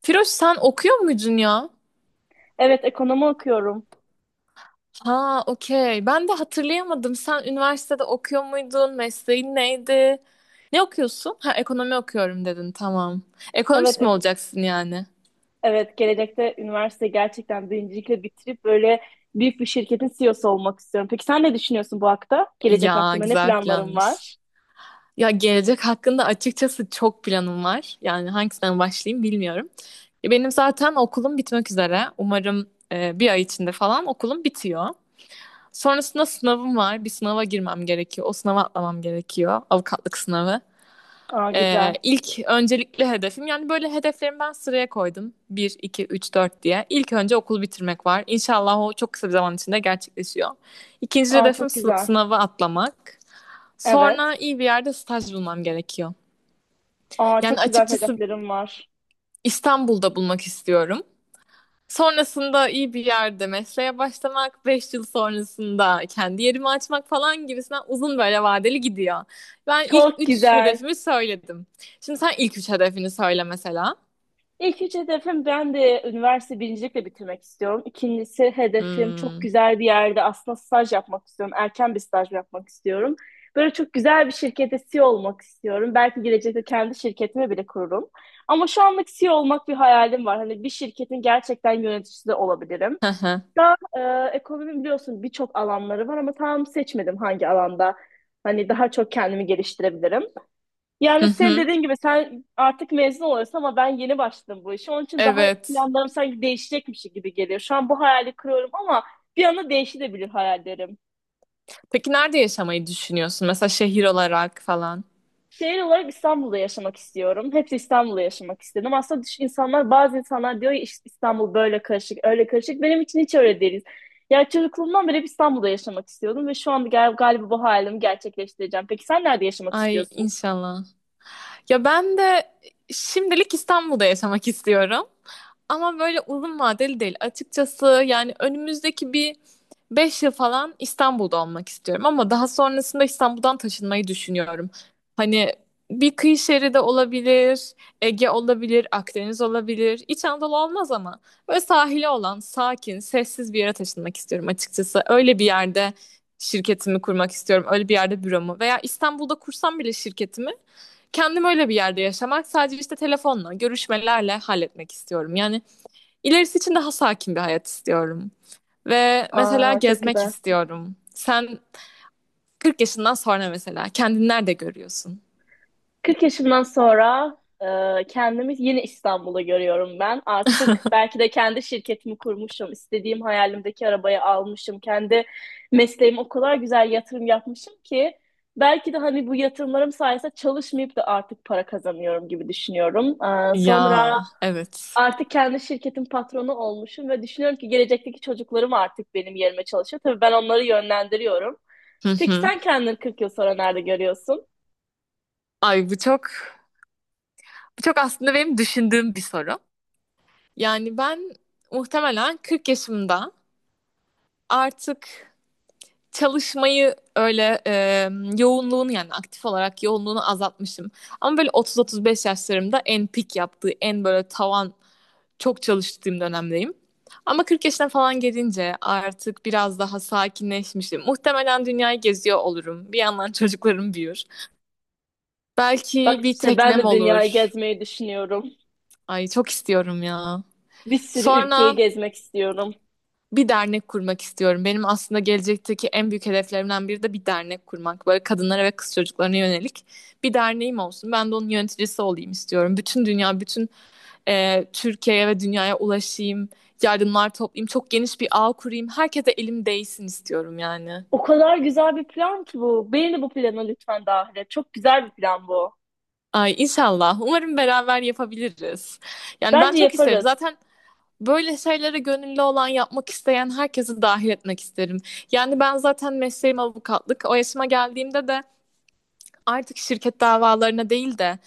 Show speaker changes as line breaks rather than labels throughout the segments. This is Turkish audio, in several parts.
Firoş sen okuyor muydun ya?
Evet, ekonomi okuyorum.
Ha, okey. Ben de hatırlayamadım. Sen üniversitede okuyor muydun? Mesleğin neydi? Ne okuyorsun? Ha, ekonomi okuyorum dedin. Tamam. Ekonomist
Evet,
mi
ek-
olacaksın yani?
evet, gelecekte üniversite gerçekten birincilikle bitirip böyle büyük bir şirketin CEO'su olmak istiyorum. Peki sen ne düşünüyorsun bu hakta? Gelecek
Ya,
hakkında ne
güzel
planların
planmış.
var?
Ya gelecek hakkında açıkçası çok planım var. Yani hangisinden başlayayım bilmiyorum. Ya, benim zaten okulum bitmek üzere. Umarım bir ay içinde falan okulum bitiyor. Sonrasında sınavım var. Bir sınava girmem gerekiyor. O sınava atlamam gerekiyor. Avukatlık sınavı.
Aa güzel.
İlk öncelikli hedefim yani böyle hedeflerimi ben sıraya koydum: bir, iki, üç, 4 diye. İlk önce okul bitirmek var. İnşallah o çok kısa bir zaman içinde gerçekleşiyor. İkinci
Aa
hedefim
çok güzel.
sınavı atlamak. Sonra
Evet.
iyi bir yerde staj bulmam gerekiyor.
Aa
Yani
çok güzel
açıkçası
hedeflerim var.
İstanbul'da bulmak istiyorum. Sonrasında iyi bir yerde mesleğe başlamak, 5 yıl sonrasında kendi yerimi açmak falan gibisinden uzun böyle vadeli gidiyor. Ben ilk
Çok
3
güzel.
hedefimi söyledim. Şimdi sen ilk 3 hedefini söyle mesela.
İlk üç hedefim ben de üniversite birincilikle bitirmek istiyorum. İkincisi hedefim çok
Hmm.
güzel bir yerde aslında staj yapmak istiyorum. Erken bir staj yapmak istiyorum. Böyle çok güzel bir şirkette CEO olmak istiyorum. Belki gelecekte kendi şirketimi bile kururum. Ama şu anlık CEO olmak bir hayalim var. Hani bir şirketin gerçekten yöneticisi de olabilirim.
Hı hı.
Daha ekonomi biliyorsun birçok alanları var ama tam seçmedim hangi alanda. Hani daha çok kendimi geliştirebilirim.
Hı
Yani sen
hı.
dediğin gibi sen artık mezun oluyorsun ama ben yeni başladım bu işe. Onun için daha
Evet.
planlarım sanki değişecekmiş gibi geliyor. Şu an bu hayali kırıyorum ama bir anda değişebilir hayallerim.
Peki nerede yaşamayı düşünüyorsun? Mesela şehir olarak falan.
Şehir olarak İstanbul'da yaşamak istiyorum. Hep İstanbul'da yaşamak istedim. Aslında insanlar, bazı insanlar diyor ya "İşte İstanbul böyle karışık, öyle karışık." Benim için hiç öyle değil. Yani çocukluğumdan beri hep İstanbul'da yaşamak istiyordum ve şu anda galiba bu hayalimi gerçekleştireceğim. Peki sen nerede yaşamak
Ay
istiyorsun?
inşallah. Ya ben de şimdilik İstanbul'da yaşamak istiyorum. Ama böyle uzun vadeli değil. Açıkçası yani önümüzdeki bir 5 yıl falan İstanbul'da olmak istiyorum. Ama daha sonrasında İstanbul'dan taşınmayı düşünüyorum. Hani bir kıyı şeridi olabilir, Ege olabilir, Akdeniz olabilir. İç Anadolu olmaz ama böyle sahili olan, sakin, sessiz bir yere taşınmak istiyorum açıkçası. Öyle bir yerde şirketimi kurmak istiyorum. Öyle bir yerde büromu, veya İstanbul'da kursam bile şirketimi kendim öyle bir yerde yaşamak, sadece işte telefonla, görüşmelerle halletmek istiyorum. Yani ilerisi için daha sakin bir hayat istiyorum. Ve mesela
Aa, çok
gezmek
güzel.
istiyorum. Sen 40 yaşından sonra mesela kendini nerede görüyorsun?
40 yaşımdan sonra kendimi yine İstanbul'da görüyorum ben. Artık belki de kendi şirketimi kurmuşum, istediğim hayalimdeki arabayı almışım, kendi mesleğime o kadar güzel yatırım yapmışım ki belki de hani bu yatırımlarım sayesinde çalışmayıp da artık para kazanıyorum gibi düşünüyorum.
Ya,
Sonra
evet.
artık kendi şirketin patronu olmuşum ve düşünüyorum ki gelecekteki çocuklarım artık benim yerime çalışıyor. Tabii ben onları yönlendiriyorum.
Hı
Peki
hı.
sen kendini 40 yıl sonra nerede görüyorsun?
Ay bu çok aslında benim düşündüğüm bir soru. Yani ben muhtemelen 40 yaşımda artık çalışmayı öyle yoğunluğunu, yani aktif olarak yoğunluğunu azaltmışım. Ama böyle 30-35 yaşlarımda en pik yaptığı, en böyle tavan çok çalıştığım dönemdeyim. Ama 40 yaşına falan gelince artık biraz daha sakinleşmişim. Muhtemelen dünyayı geziyor olurum. Bir yandan çocuklarım büyür. Belki
Bak
bir
işte ben
teknem
de dünyayı
olur.
gezmeyi düşünüyorum.
Ay çok istiyorum ya.
Bir sürü ülkeyi
Sonra
gezmek istiyorum.
bir dernek kurmak istiyorum. Benim aslında gelecekteki en büyük hedeflerimden biri de bir dernek kurmak. Böyle kadınlara ve kız çocuklarına yönelik bir derneğim olsun. Ben de onun yöneticisi olayım istiyorum. Bütün dünya, bütün Türkiye'ye ve dünyaya ulaşayım, yardımlar toplayayım, çok geniş bir ağ kurayım. Herkese elim değsin istiyorum yani.
O kadar güzel bir plan ki bu. Beni de bu plana lütfen dahil et. Çok güzel bir plan bu.
Ay inşallah. Umarım beraber yapabiliriz. Yani ben
Bence
çok isterim.
yaparız.
Zaten böyle şeylere gönüllü olan, yapmak isteyen herkesi dahil etmek isterim. Yani ben zaten mesleğim avukatlık. O yaşıma geldiğimde de artık şirket davalarına değil de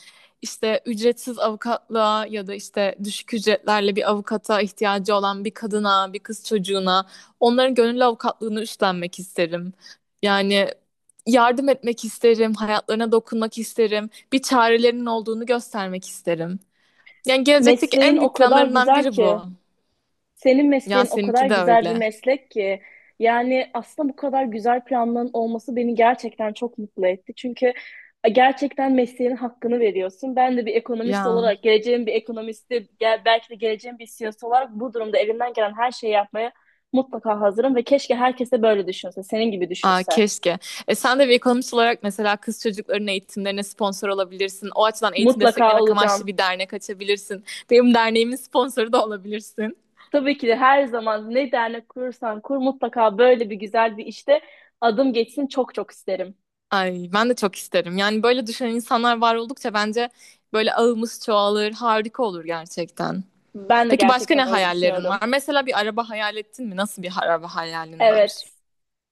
işte ücretsiz avukatlığa ya da işte düşük ücretlerle bir avukata ihtiyacı olan bir kadına, bir kız çocuğuna onların gönüllü avukatlığını üstlenmek isterim. Yani yardım etmek isterim, hayatlarına dokunmak isterim, bir çarelerinin olduğunu göstermek isterim. Yani gelecekteki
Mesleğin
en
o
büyük
kadar
planlarımdan
güzel
biri bu.
ki. Senin
Ya
mesleğin o kadar
seninki de
güzel bir
öyle.
meslek ki yani aslında bu kadar güzel planların olması beni gerçekten çok mutlu etti. Çünkü gerçekten mesleğinin hakkını veriyorsun. Ben de bir ekonomist
Ya.
olarak, geleceğim bir ekonomisti, belki de geleceğim bir CEO'su olarak bu durumda elimden gelen her şeyi yapmaya mutlaka hazırım ve keşke herkes de böyle düşünse, senin gibi
Aa,
düşünse.
keşke. E, sen de bir ekonomist olarak mesela kız çocukların eğitimlerine sponsor olabilirsin. O açıdan eğitim
Mutlaka
desteklemek amaçlı
olacağım.
bir dernek açabilirsin. Benim derneğimin sponsoru da olabilirsin.
Tabii ki de her zaman ne dernek kurursan kur mutlaka böyle bir güzel bir işte adım geçsin çok çok isterim.
Ay, ben de çok isterim. Yani böyle düşünen insanlar var oldukça bence böyle ağımız çoğalır, harika olur gerçekten.
Ben de
Peki başka ne
gerçekten öyle
hayallerin var?
düşünüyorum.
Mesela bir araba hayal ettin mi? Nasıl bir araba hayalin var?
Evet.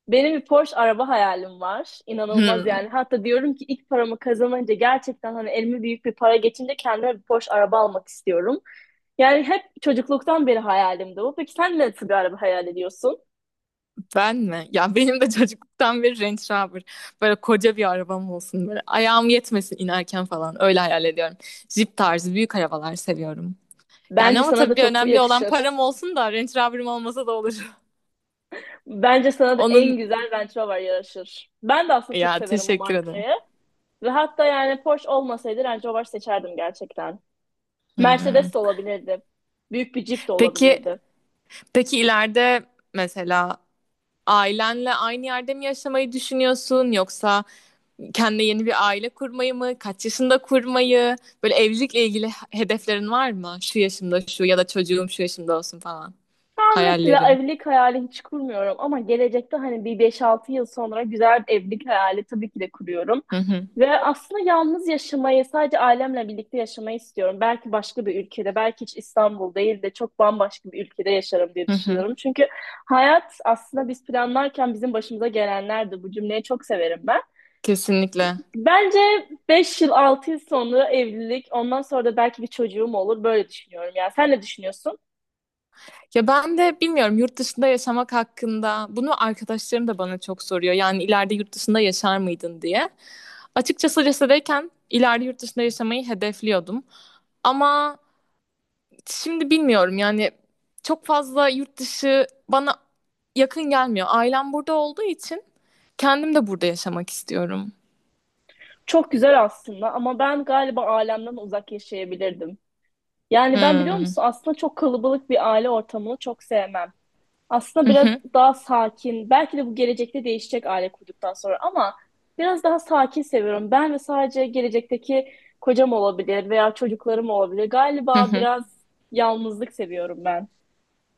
Benim bir Porsche araba hayalim var. İnanılmaz
Hmm.
yani. Hatta diyorum ki ilk paramı kazanınca gerçekten hani elime büyük bir para geçince kendime bir Porsche araba almak istiyorum. Yani hep çocukluktan beri hayalimdi bu. Peki sen nasıl bir araba hayal ediyorsun?
Ben mi? Ya benim de çocukluktan beri Range Rover. Böyle koca bir arabam olsun böyle. Ayağım yetmesin inerken falan. Öyle hayal ediyorum. Jeep tarzı büyük arabalar seviyorum. Yani
Bence
ama
sana da
tabii
çok bu
önemli olan
yakışır.
param olsun, da Range Rover'ım olmasa da olur.
Bence sana da
Onun,
en güzel Range Rover yaraşır. Ben de aslında çok
ya
severim bu
teşekkür ederim.
markayı. Ve hatta yani Porsche olmasaydı Range Rover seçerdim gerçekten.
Hmm.
Mercedes de olabilirdi. Büyük bir Jeep de
Peki
olabilirdi.
peki ileride mesela ailenle aynı yerde mi yaşamayı düşünüyorsun, yoksa kendine yeni bir aile kurmayı mı? Kaç yaşında kurmayı? Böyle evlilikle ilgili hedeflerin var mı? Şu yaşımda şu, ya da çocuğum şu yaşımda olsun falan.
Şu an mesela
Hayallerin.
evlilik hayali hiç kurmuyorum ama gelecekte hani bir beş altı yıl sonra güzel bir evlilik hayali tabii ki de kuruyorum.
Hı hı.
Ve aslında yalnız yaşamayı, sadece ailemle birlikte yaşamayı istiyorum. Belki başka bir ülkede, belki hiç İstanbul değil de çok bambaşka bir ülkede yaşarım diye
Hı hı.
düşünüyorum. Çünkü hayat aslında biz planlarken bizim başımıza gelenlerdi. Bu cümleyi çok severim ben.
Kesinlikle.
Bence 5 yıl 6 yıl sonra evlilik ondan sonra da belki bir çocuğum olur böyle düşünüyorum. Yani sen ne düşünüyorsun?
Ya ben de bilmiyorum yurt dışında yaşamak hakkında, bunu arkadaşlarım da bana çok soruyor. Yani ileride yurt dışında yaşar mıydın diye. Açıkçası lisedeyken ileride yurt dışında yaşamayı hedefliyordum. Ama şimdi bilmiyorum yani, çok fazla yurt dışı bana yakın gelmiyor. Ailem burada olduğu için kendim de burada yaşamak istiyorum.
Çok güzel aslında ama ben galiba ailemden uzak yaşayabilirdim. Yani ben biliyor
Hmm.
musun aslında çok kalabalık bir aile ortamını çok sevmem. Aslında biraz daha sakin belki de bu gelecekte değişecek aile kurduktan sonra ama biraz daha sakin seviyorum. Ben ve sadece gelecekteki kocam olabilir veya çocuklarım olabilir.
Hı
Galiba
hı.
biraz yalnızlık seviyorum ben.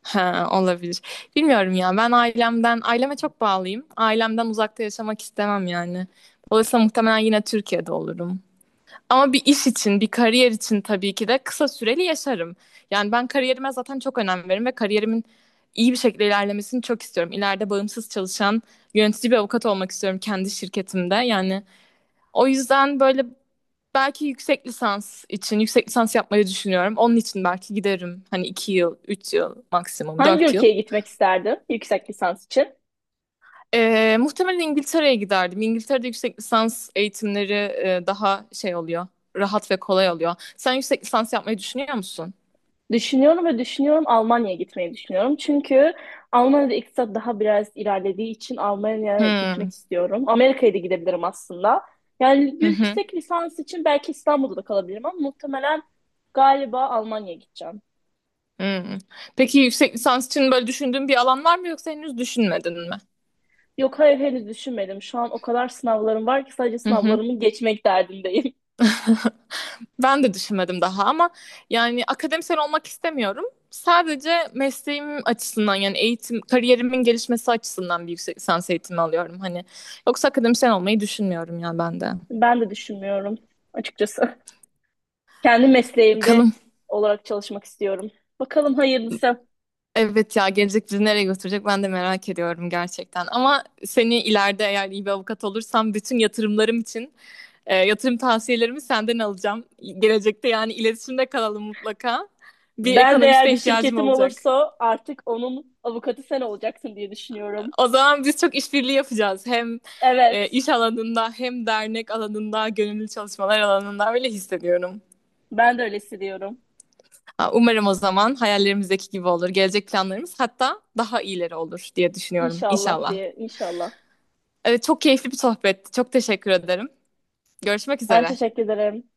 Ha, olabilir. Bilmiyorum ya. Ben ailemden, aileme çok bağlıyım. Ailemden uzakta yaşamak istemem yani. Dolayısıyla muhtemelen yine Türkiye'de olurum. Ama bir iş için, bir kariyer için tabii ki de kısa süreli yaşarım. Yani ben kariyerime zaten çok önem veririm ve kariyerimin iyi bir şekilde ilerlemesini çok istiyorum. İleride bağımsız çalışan, yönetici bir avukat olmak istiyorum kendi şirketimde. Yani o yüzden böyle belki yüksek lisans için, yüksek lisans yapmayı düşünüyorum. Onun için belki giderim. Hani 2 yıl, 3 yıl maksimum,
Hangi
4 yıl.
ülkeye gitmek isterdim yüksek lisans için?
Muhtemelen İngiltere'ye giderdim. İngiltere'de yüksek lisans eğitimleri daha şey oluyor, rahat ve kolay oluyor. Sen yüksek lisans yapmayı düşünüyor musun?
Düşünüyorum ve düşünüyorum Almanya'ya gitmeyi düşünüyorum. Çünkü Almanya'da iktisat daha biraz ilerlediği için Almanya'ya
Hmm.
gitmek istiyorum. Amerika'ya da gidebilirim aslında. Yani
Hı hı.
yüksek lisans için belki İstanbul'da da kalabilirim ama muhtemelen galiba Almanya'ya gideceğim.
Hmm. Peki yüksek lisans için böyle düşündüğün bir alan var mı, yoksa henüz düşünmedin mi?
Yok hayır henüz düşünmedim. Şu an o kadar sınavlarım var ki sadece
Hı hı.
sınavlarımı geçmek derdindeyim.
Ben de düşünmedim daha, ama yani akademisyen olmak istemiyorum. Sadece mesleğim açısından yani eğitim, kariyerimin gelişmesi açısından bir yüksek lisans eğitimi alıyorum hani. Yoksa akademisyen olmayı düşünmüyorum yani ben de.
Ben de düşünmüyorum açıkçası. Kendi
Bakalım.
mesleğimde olarak çalışmak istiyorum. Bakalım hayırlısı.
Evet ya, gelecek bizi nereye götürecek ben de merak ediyorum gerçekten. Ama seni ileride, eğer iyi bir avukat olursam bütün yatırımlarım için yatırım tavsiyelerimi senden alacağım. Gelecekte yani iletişimde kalalım mutlaka. Bir
Ben de eğer
ekonomiste
bir
ihtiyacım
şirketim
olacak.
olursa artık onun avukatı sen olacaksın diye düşünüyorum.
O zaman biz çok işbirliği yapacağız. Hem
Evet,
iş alanında, hem dernek alanında, gönüllü çalışmalar alanında öyle hissediyorum.
ben de öyle hissediyorum.
Ha, umarım o zaman hayallerimizdeki gibi olur. Gelecek planlarımız hatta daha iyileri olur diye düşünüyorum
İnşallah
inşallah.
diye, inşallah.
Evet, çok keyifli bir sohbetti. Çok teşekkür ederim. Görüşmek
Ben
üzere.
teşekkür ederim.